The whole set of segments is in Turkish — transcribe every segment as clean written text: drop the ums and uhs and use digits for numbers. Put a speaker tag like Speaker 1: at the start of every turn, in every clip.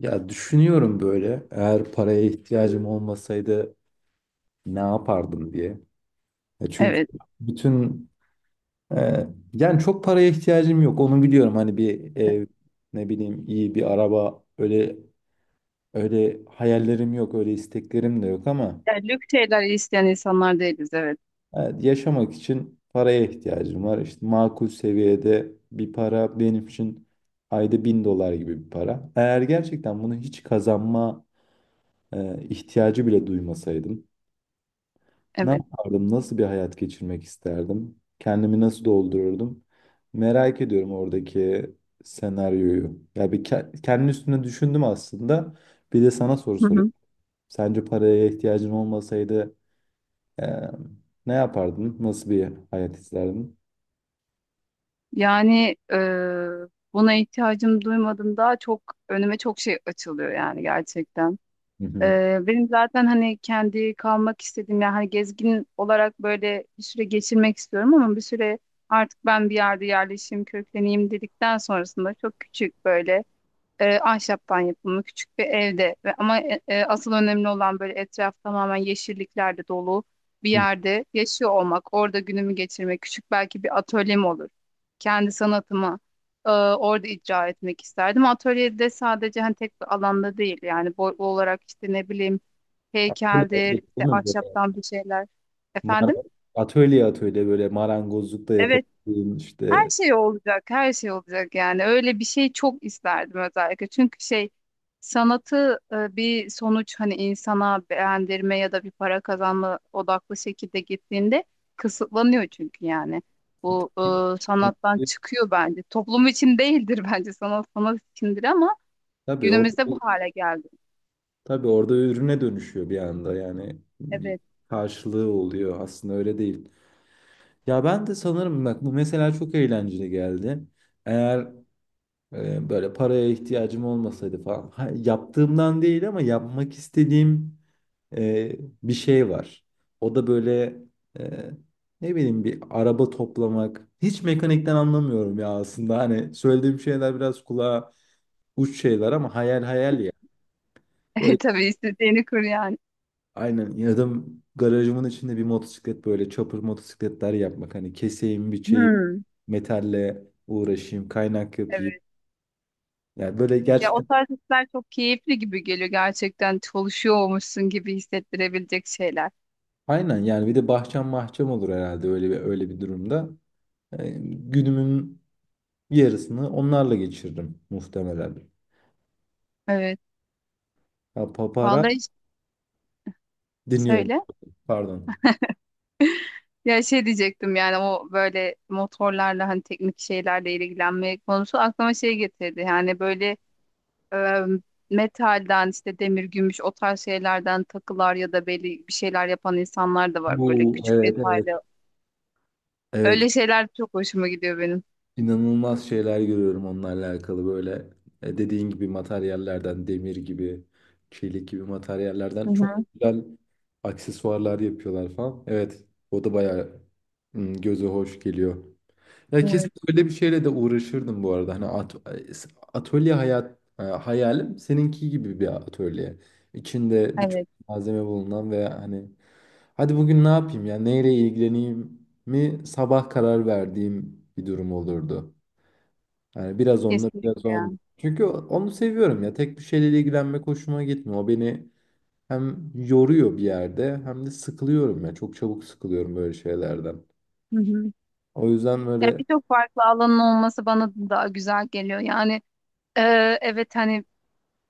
Speaker 1: Ya düşünüyorum böyle eğer paraya ihtiyacım olmasaydı ne yapardım diye. Ya çünkü
Speaker 2: Evet.
Speaker 1: bütün e, yani çok paraya ihtiyacım yok, onu biliyorum. Hani bir
Speaker 2: Evet.
Speaker 1: ev, ne bileyim, iyi bir araba, öyle öyle hayallerim yok, öyle isteklerim de yok ama
Speaker 2: Yani lüks şeyler isteyen insanlar değiliz. Evet.
Speaker 1: evet, yaşamak için paraya ihtiyacım var. İşte makul seviyede bir para benim için, ayda 1000 dolar gibi bir para. Eğer gerçekten bunu hiç kazanma ihtiyacı bile duymasaydım. Ne
Speaker 2: Evet.
Speaker 1: yapardım? Nasıl bir hayat geçirmek isterdim? Kendimi nasıl doldururdum? Merak ediyorum oradaki senaryoyu. Ya kendi üstüne düşündüm aslında. Bir de sana soru
Speaker 2: Hı
Speaker 1: sorayım.
Speaker 2: hı.
Speaker 1: Sence paraya ihtiyacın olmasaydı eee, ne yapardın? Nasıl bir hayat isterdin?
Speaker 2: Yani buna ihtiyacım duymadım daha çok önüme çok şey açılıyor yani gerçekten.
Speaker 1: Hı hı.
Speaker 2: Benim zaten hani kendi kalmak istediğim yani hani gezgin olarak böyle bir süre geçirmek istiyorum ama bir süre artık ben bir yerde yerleşeyim, kökleneyim dedikten sonrasında çok küçük böyle ahşaptan yapımı küçük bir evde ve ama asıl önemli olan böyle etraf tamamen yeşilliklerle dolu bir
Speaker 1: Hı.
Speaker 2: yerde yaşıyor olmak, orada günümü geçirmek, küçük belki bir atölyem olur. Kendi sanatımı orada icra etmek isterdim. Atölyede sadece hani tek bir alanda değil yani boy olarak işte ne bileyim
Speaker 1: Atölye
Speaker 2: heykeldir,
Speaker 1: atölye değil
Speaker 2: işte
Speaker 1: mi böyle?
Speaker 2: ahşaptan bir şeyler.
Speaker 1: Mara-
Speaker 2: Efendim?
Speaker 1: Atölye atölye böyle, marangozluk da yapabildiğin
Speaker 2: Her
Speaker 1: işte.
Speaker 2: şey olacak, her şey olacak yani. Öyle bir şey çok isterdim özellikle. Çünkü şey sanatı bir sonuç hani insana beğendirme ya da bir para kazanma odaklı şekilde gittiğinde kısıtlanıyor çünkü yani. Bu sanattan çıkıyor bence. Toplum için değildir bence sanat sanat içindir ama
Speaker 1: Tabii orada
Speaker 2: günümüzde bu hale geldi.
Speaker 1: Tabii orada ürüne dönüşüyor bir anda, yani bir
Speaker 2: Evet.
Speaker 1: karşılığı oluyor, aslında öyle değil. Ya ben de sanırım, bak bu mesela çok eğlenceli geldi. Eğer böyle paraya ihtiyacım olmasaydı falan, ha, yaptığımdan değil ama yapmak istediğim e, bir şey var. O da böyle e, ne bileyim, bir araba toplamak. Hiç mekanikten anlamıyorum ya aslında, hani söylediğim şeyler biraz kulağa uç şeyler ama hayal hayal ya.
Speaker 2: E,
Speaker 1: Böyle
Speaker 2: tabii istediğini kur yani.
Speaker 1: Aynen, ya da garajımın içinde bir motosiklet, böyle çapır motosikletler yapmak. Hani keseyim, biçeyim,
Speaker 2: Hmm.
Speaker 1: metalle uğraşayım, kaynak yapayım.
Speaker 2: Evet.
Speaker 1: Yani böyle
Speaker 2: Ya o
Speaker 1: gerçekten
Speaker 2: tarz hisler çok keyifli gibi geliyor gerçekten çalışıyormuşsun gibi hissettirebilecek şeyler.
Speaker 1: aynen, yani bir de bahçem bahçem olur herhalde öyle bir, öyle bir durumda. Yani günümün yarısını onlarla geçirdim muhtemelen.
Speaker 2: Evet.
Speaker 1: Ha, papara
Speaker 2: Vallahi hiç-
Speaker 1: dinliyorum.
Speaker 2: söyle.
Speaker 1: Pardon.
Speaker 2: Ya şey diyecektim yani o böyle motorlarla hani teknik şeylerle ilgilenme konusu aklıma şey getirdi. Yani böyle e, metalden işte demir, gümüş o tarz şeylerden takılar ya da belli bir şeyler yapan insanlar da var böyle
Speaker 1: Bu,
Speaker 2: küçük
Speaker 1: evet evet.
Speaker 2: detaylı.
Speaker 1: Evet.
Speaker 2: Öyle şeyler çok hoşuma gidiyor benim.
Speaker 1: İnanılmaz şeyler görüyorum onlarla alakalı, böyle dediğin gibi materyallerden, demir gibi, çelik gibi
Speaker 2: Hı
Speaker 1: materyallerden çok
Speaker 2: hı.
Speaker 1: güzel aksesuarlar yapıyorlar falan. Evet, o da bayağı göze hoş geliyor. Ya kesin
Speaker 2: Evet.
Speaker 1: öyle bir şeyle de uğraşırdım bu arada. Hani atölye hayalim seninki gibi bir atölye. İçinde birçok
Speaker 2: Evet.
Speaker 1: malzeme bulunan ve hani hadi bugün ne yapayım ya, neyle ilgileneyim mi sabah karar verdiğim bir durum olurdu. Yani biraz onunla biraz
Speaker 2: Kesinlikle ya.
Speaker 1: onunla. Çünkü onu seviyorum ya. Tek bir şeyle ilgilenmek hoşuma gitmiyor. O beni hem yoruyor bir yerde, hem de sıkılıyorum ya. Çok çabuk sıkılıyorum böyle şeylerden.
Speaker 2: Hı hı.
Speaker 1: O yüzden
Speaker 2: Ya
Speaker 1: böyle,
Speaker 2: birçok farklı alanın olması bana daha güzel geliyor. Yani e, evet hani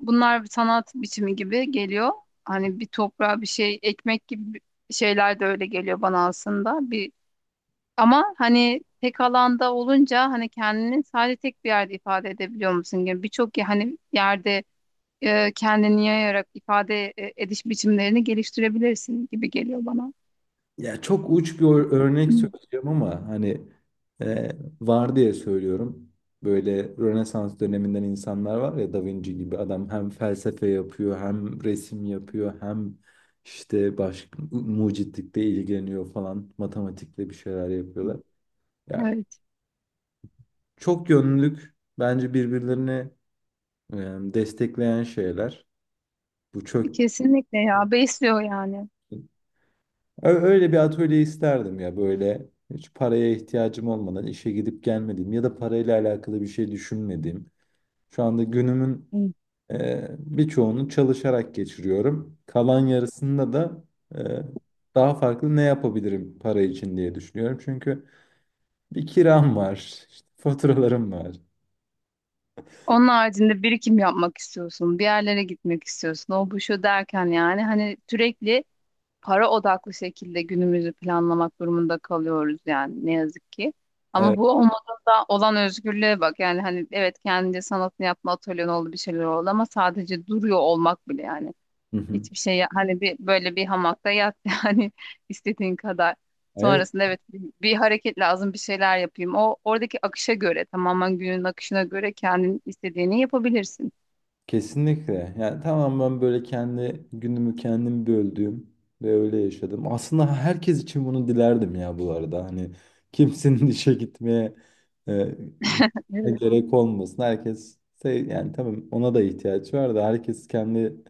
Speaker 2: bunlar bir sanat biçimi gibi geliyor. Hani bir toprağa bir şey ekmek gibi şeyler de öyle geliyor bana aslında. Bir ama hani tek alanda olunca hani kendini sadece tek bir yerde ifade edebiliyor musun gibi birçok hani yerde kendini yayarak ifade ediş biçimlerini geliştirebilirsin gibi geliyor bana.
Speaker 1: ya çok uç bir örnek söyleyeceğim ama hani e, var diye söylüyorum. Böyle Rönesans döneminden insanlar var ya, Da Vinci gibi. Adam hem felsefe yapıyor, hem resim yapıyor, hem işte başka mucitlikle ilgileniyor falan, matematikle bir şeyler yapıyorlar. Ya
Speaker 2: Evet,
Speaker 1: çok yönlülük bence birbirlerini e, destekleyen şeyler. Bu çok
Speaker 2: kesinlikle ya besliyor yani.
Speaker 1: Öyle bir atölye isterdim ya, böyle hiç paraya ihtiyacım olmadan işe gidip gelmediğim ya da parayla alakalı bir şey düşünmediğim. Şu anda günümün birçoğunu çalışarak geçiriyorum. Kalan yarısında da e, daha farklı ne yapabilirim para için diye düşünüyorum. Çünkü bir kiram var, işte faturalarım var.
Speaker 2: Onun haricinde birikim yapmak istiyorsun, bir yerlere gitmek istiyorsun. O bu şu derken yani hani sürekli para odaklı şekilde günümüzü planlamak durumunda kalıyoruz yani ne yazık ki. Ama
Speaker 1: Evet.
Speaker 2: bu olmadığında olan özgürlüğe bak. Yani hani evet kendince sanatını yapma atölyen oldu bir şeyler oldu ama sadece duruyor olmak bile yani.
Speaker 1: Hı hı.
Speaker 2: Hiçbir şey hani bir böyle bir hamakta yat yani istediğin kadar.
Speaker 1: Evet.
Speaker 2: Sonrasında evet bir hareket lazım bir şeyler yapayım. O oradaki akışa göre tamamen günün akışına göre kendin istediğini yapabilirsin.
Speaker 1: Kesinlikle. Yani tamam, ben böyle kendi günümü kendim böldüğüm ve öyle yaşadım. Aslında herkes için bunu dilerdim ya bu arada. Hani kimsenin işe e, gitmeye
Speaker 2: Evet,
Speaker 1: gerek olmasın. Herkes sev, yani tamam, ona da ihtiyaç var da, herkes kendi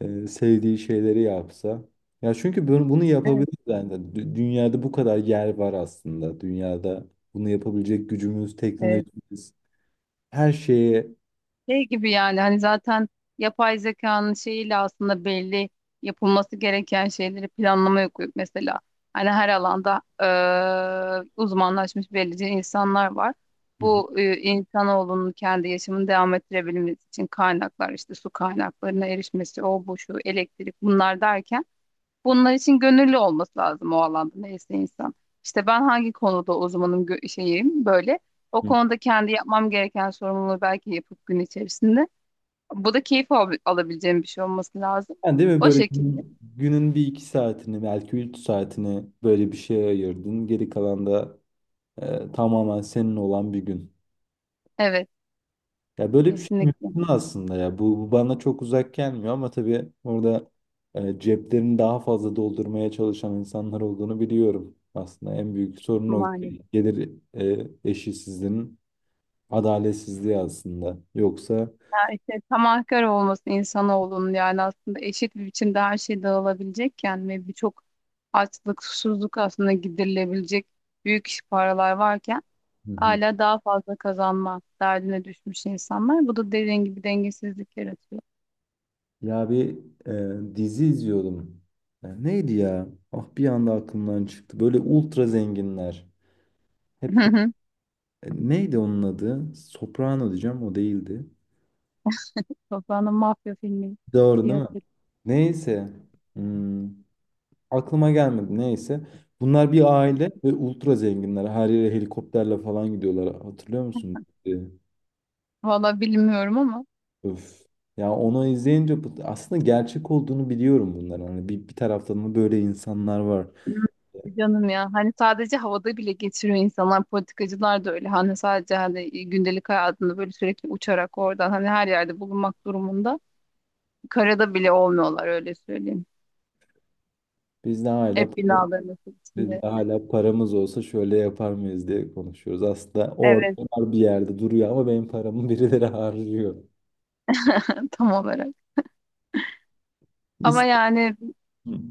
Speaker 1: sevdiği şeyleri yapsa. Ya çünkü bunu, bunu
Speaker 2: evet.
Speaker 1: yapabiliriz yani. Dünyada kadar yer var aslında. Dünyada bunu yapabilecek gücümüz,
Speaker 2: Ee,
Speaker 1: teknolojimiz, her şeye
Speaker 2: şey gibi yani hani zaten yapay zekanın şeyiyle aslında belli yapılması gereken şeyleri planlamaya koyup mesela hani her alanda uzmanlaşmış belirli insanlar var. Bu insanoğlunun kendi yaşamını devam ettirebilmesi için kaynaklar işte su kaynaklarına erişmesi, o bu şu elektrik bunlar derken bunlar için gönüllü olması lazım o alanda neyse insan. İşte ben hangi konuda uzmanım şeyim böyle. O konuda kendi yapmam gereken sorumluluğu belki yapıp gün içerisinde. Bu da keyif alabileceğim bir şey olması lazım.
Speaker 1: Yani değil mi,
Speaker 2: O
Speaker 1: böyle
Speaker 2: şekilde.
Speaker 1: günün bir iki saatini, belki 3 saatini böyle bir şeye ayırdın. Geri kalan da tamamen senin olan bir gün.
Speaker 2: Evet,
Speaker 1: Ya böyle bir şey
Speaker 2: kesinlikle.
Speaker 1: mümkün aslında ya. Bu, bu bana çok uzak gelmiyor ama tabii orada ceplerini daha fazla doldurmaya çalışan insanlar olduğunu biliyorum. Aslında en büyük sorun o,
Speaker 2: Maalesef.
Speaker 1: gelir eşitsizliğinin adaletsizliği aslında. Yoksa.
Speaker 2: Ya işte tamahkar olması insanoğlunun yani aslında eşit bir biçimde her şey dağılabilecekken ve birçok açlık, susuzluk aslında giderilebilecek büyük paralar varken
Speaker 1: Hı hı.
Speaker 2: hala daha fazla kazanma derdine düşmüş insanlar. Bu da dediğin gibi dengesizlik yaratıyor.
Speaker 1: Ya bir dizi izliyordum. Neydi ya? Ah, bir anda aklımdan çıktı. Böyle ultra zenginler. Hep neydi onun adı? Soprano diyeceğim, o değildi.
Speaker 2: Toprağın mafya filmi
Speaker 1: Doğru
Speaker 2: diye
Speaker 1: değil mi?
Speaker 2: hatırlıyorum.
Speaker 1: Neyse. Hmm, aklıma gelmedi, neyse. Bunlar bir aile ve ultra zenginler. Her yere helikopterle falan gidiyorlar. Hatırlıyor musun?
Speaker 2: Evet.
Speaker 1: E,
Speaker 2: Valla bilmiyorum ama
Speaker 1: Öf. Ya onu izleyince aslında gerçek olduğunu biliyorum bunların. Hani bir, taraftan da böyle insanlar var.
Speaker 2: canım ya. Hani sadece havada bile geçiriyor insanlar. Politikacılar da öyle. Hani sadece hani gündelik hayatında böyle sürekli uçarak oradan hani her yerde bulunmak durumunda. Karada bile olmuyorlar öyle söyleyeyim.
Speaker 1: Bizde hala
Speaker 2: Hep binaların
Speaker 1: Biz
Speaker 2: içinde.
Speaker 1: de hala paramız olsa şöyle yapar mıyız diye konuşuyoruz. Aslında orada
Speaker 2: Evet
Speaker 1: var, bir yerde duruyor, ama benim paramı birileri harcıyor.
Speaker 2: tam olarak. Ama
Speaker 1: İster.
Speaker 2: yani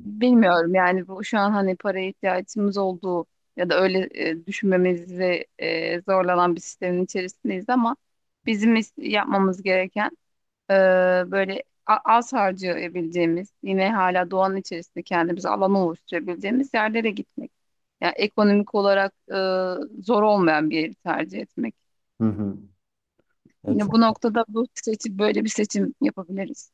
Speaker 2: bilmiyorum yani bu şu an hani paraya ihtiyacımız olduğu ya da öyle düşünmemizi zorlanan bir sistemin içerisindeyiz ama bizim yapmamız gereken e, böyle az harcayabileceğimiz yine hala doğanın içerisinde kendimize alan oluşturabileceğimiz yerlere gitmek. Yani ekonomik olarak zor olmayan bir yeri tercih etmek.
Speaker 1: Hı hı. Ya
Speaker 2: Yine bu
Speaker 1: çok
Speaker 2: noktada bu seçim böyle bir seçim yapabiliriz.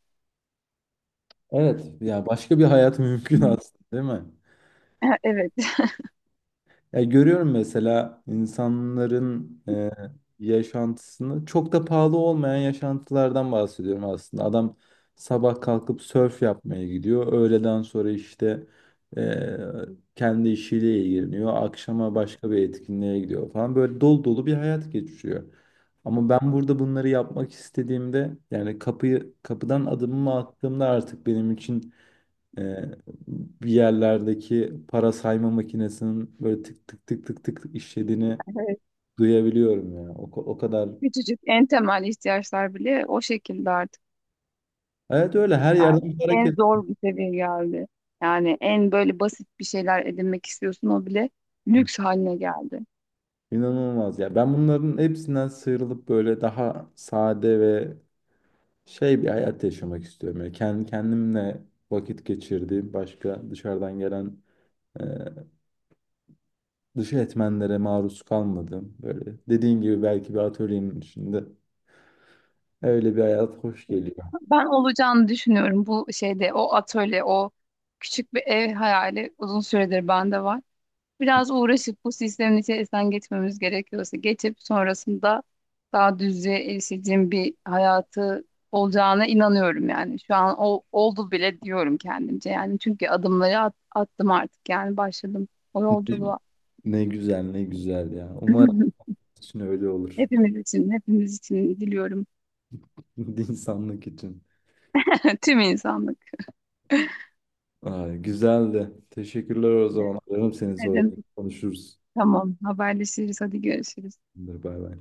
Speaker 1: Evet, ya başka bir hayat mümkün
Speaker 2: Hı.
Speaker 1: aslında değil mi?
Speaker 2: Evet.
Speaker 1: Ya görüyorum mesela insanların yaşantısını, çok da pahalı olmayan yaşantılardan bahsediyorum aslında. Adam sabah kalkıp sörf yapmaya gidiyor. Öğleden sonra işte e, kendi işiyle ilgileniyor. Akşama başka bir etkinliğe gidiyor falan. Böyle dolu dolu bir hayat geçiriyor. Ama ben burada bunları yapmak istediğimde, yani kapıyı, kapıdan adımımı attığımda artık benim için ee, bir yerlerdeki para sayma makinesinin böyle tık tık tık tık tık tık işlediğini
Speaker 2: Evet.
Speaker 1: duyabiliyorum ya. O, o kadar.
Speaker 2: Küçücük en temel ihtiyaçlar bile o şekilde artık.
Speaker 1: Evet, öyle her yerden
Speaker 2: Yani
Speaker 1: bir
Speaker 2: en
Speaker 1: hareket.
Speaker 2: zor bir seviye geldi. Yani en böyle basit bir şeyler edinmek istiyorsun o bile
Speaker 1: Hı.
Speaker 2: lüks haline geldi.
Speaker 1: İnanılmaz ya. Ben bunların hepsinden sıyrılıp böyle daha sade ve şey bir hayat yaşamak istiyorum. Yani kendi kendimle vakit geçirdiğim, başka dışarıdan gelen e, dış etmenlere maruz kalmadım. Böyle dediğin gibi belki bir atölyenin içinde öyle bir hayat hoş geliyor.
Speaker 2: Ben olacağını düşünüyorum bu şeyde o atölye o küçük bir ev hayali uzun süredir bende var. Biraz uğraşıp bu sistemin içerisinden geçmemiz gerekiyorsa geçip sonrasında daha düzlüğe erişeceğim bir hayatı olacağına inanıyorum yani. Şu an o oldu bile diyorum kendimce yani çünkü adımları attım artık yani başladım o yolculuğa.
Speaker 1: Ne güzel, ne güzel ya. Umarım için öyle olur.
Speaker 2: Hepimiz için, hepimiz için diliyorum.
Speaker 1: İnsanlık için.
Speaker 2: Tüm insanlık.
Speaker 1: Ay, güzeldi. Teşekkürler o zaman. Ararım seni
Speaker 2: Ne
Speaker 1: sonra,
Speaker 2: demek?
Speaker 1: konuşuruz.
Speaker 2: Tamam, haberleşiriz. Hadi görüşürüz.
Speaker 1: Bay bay.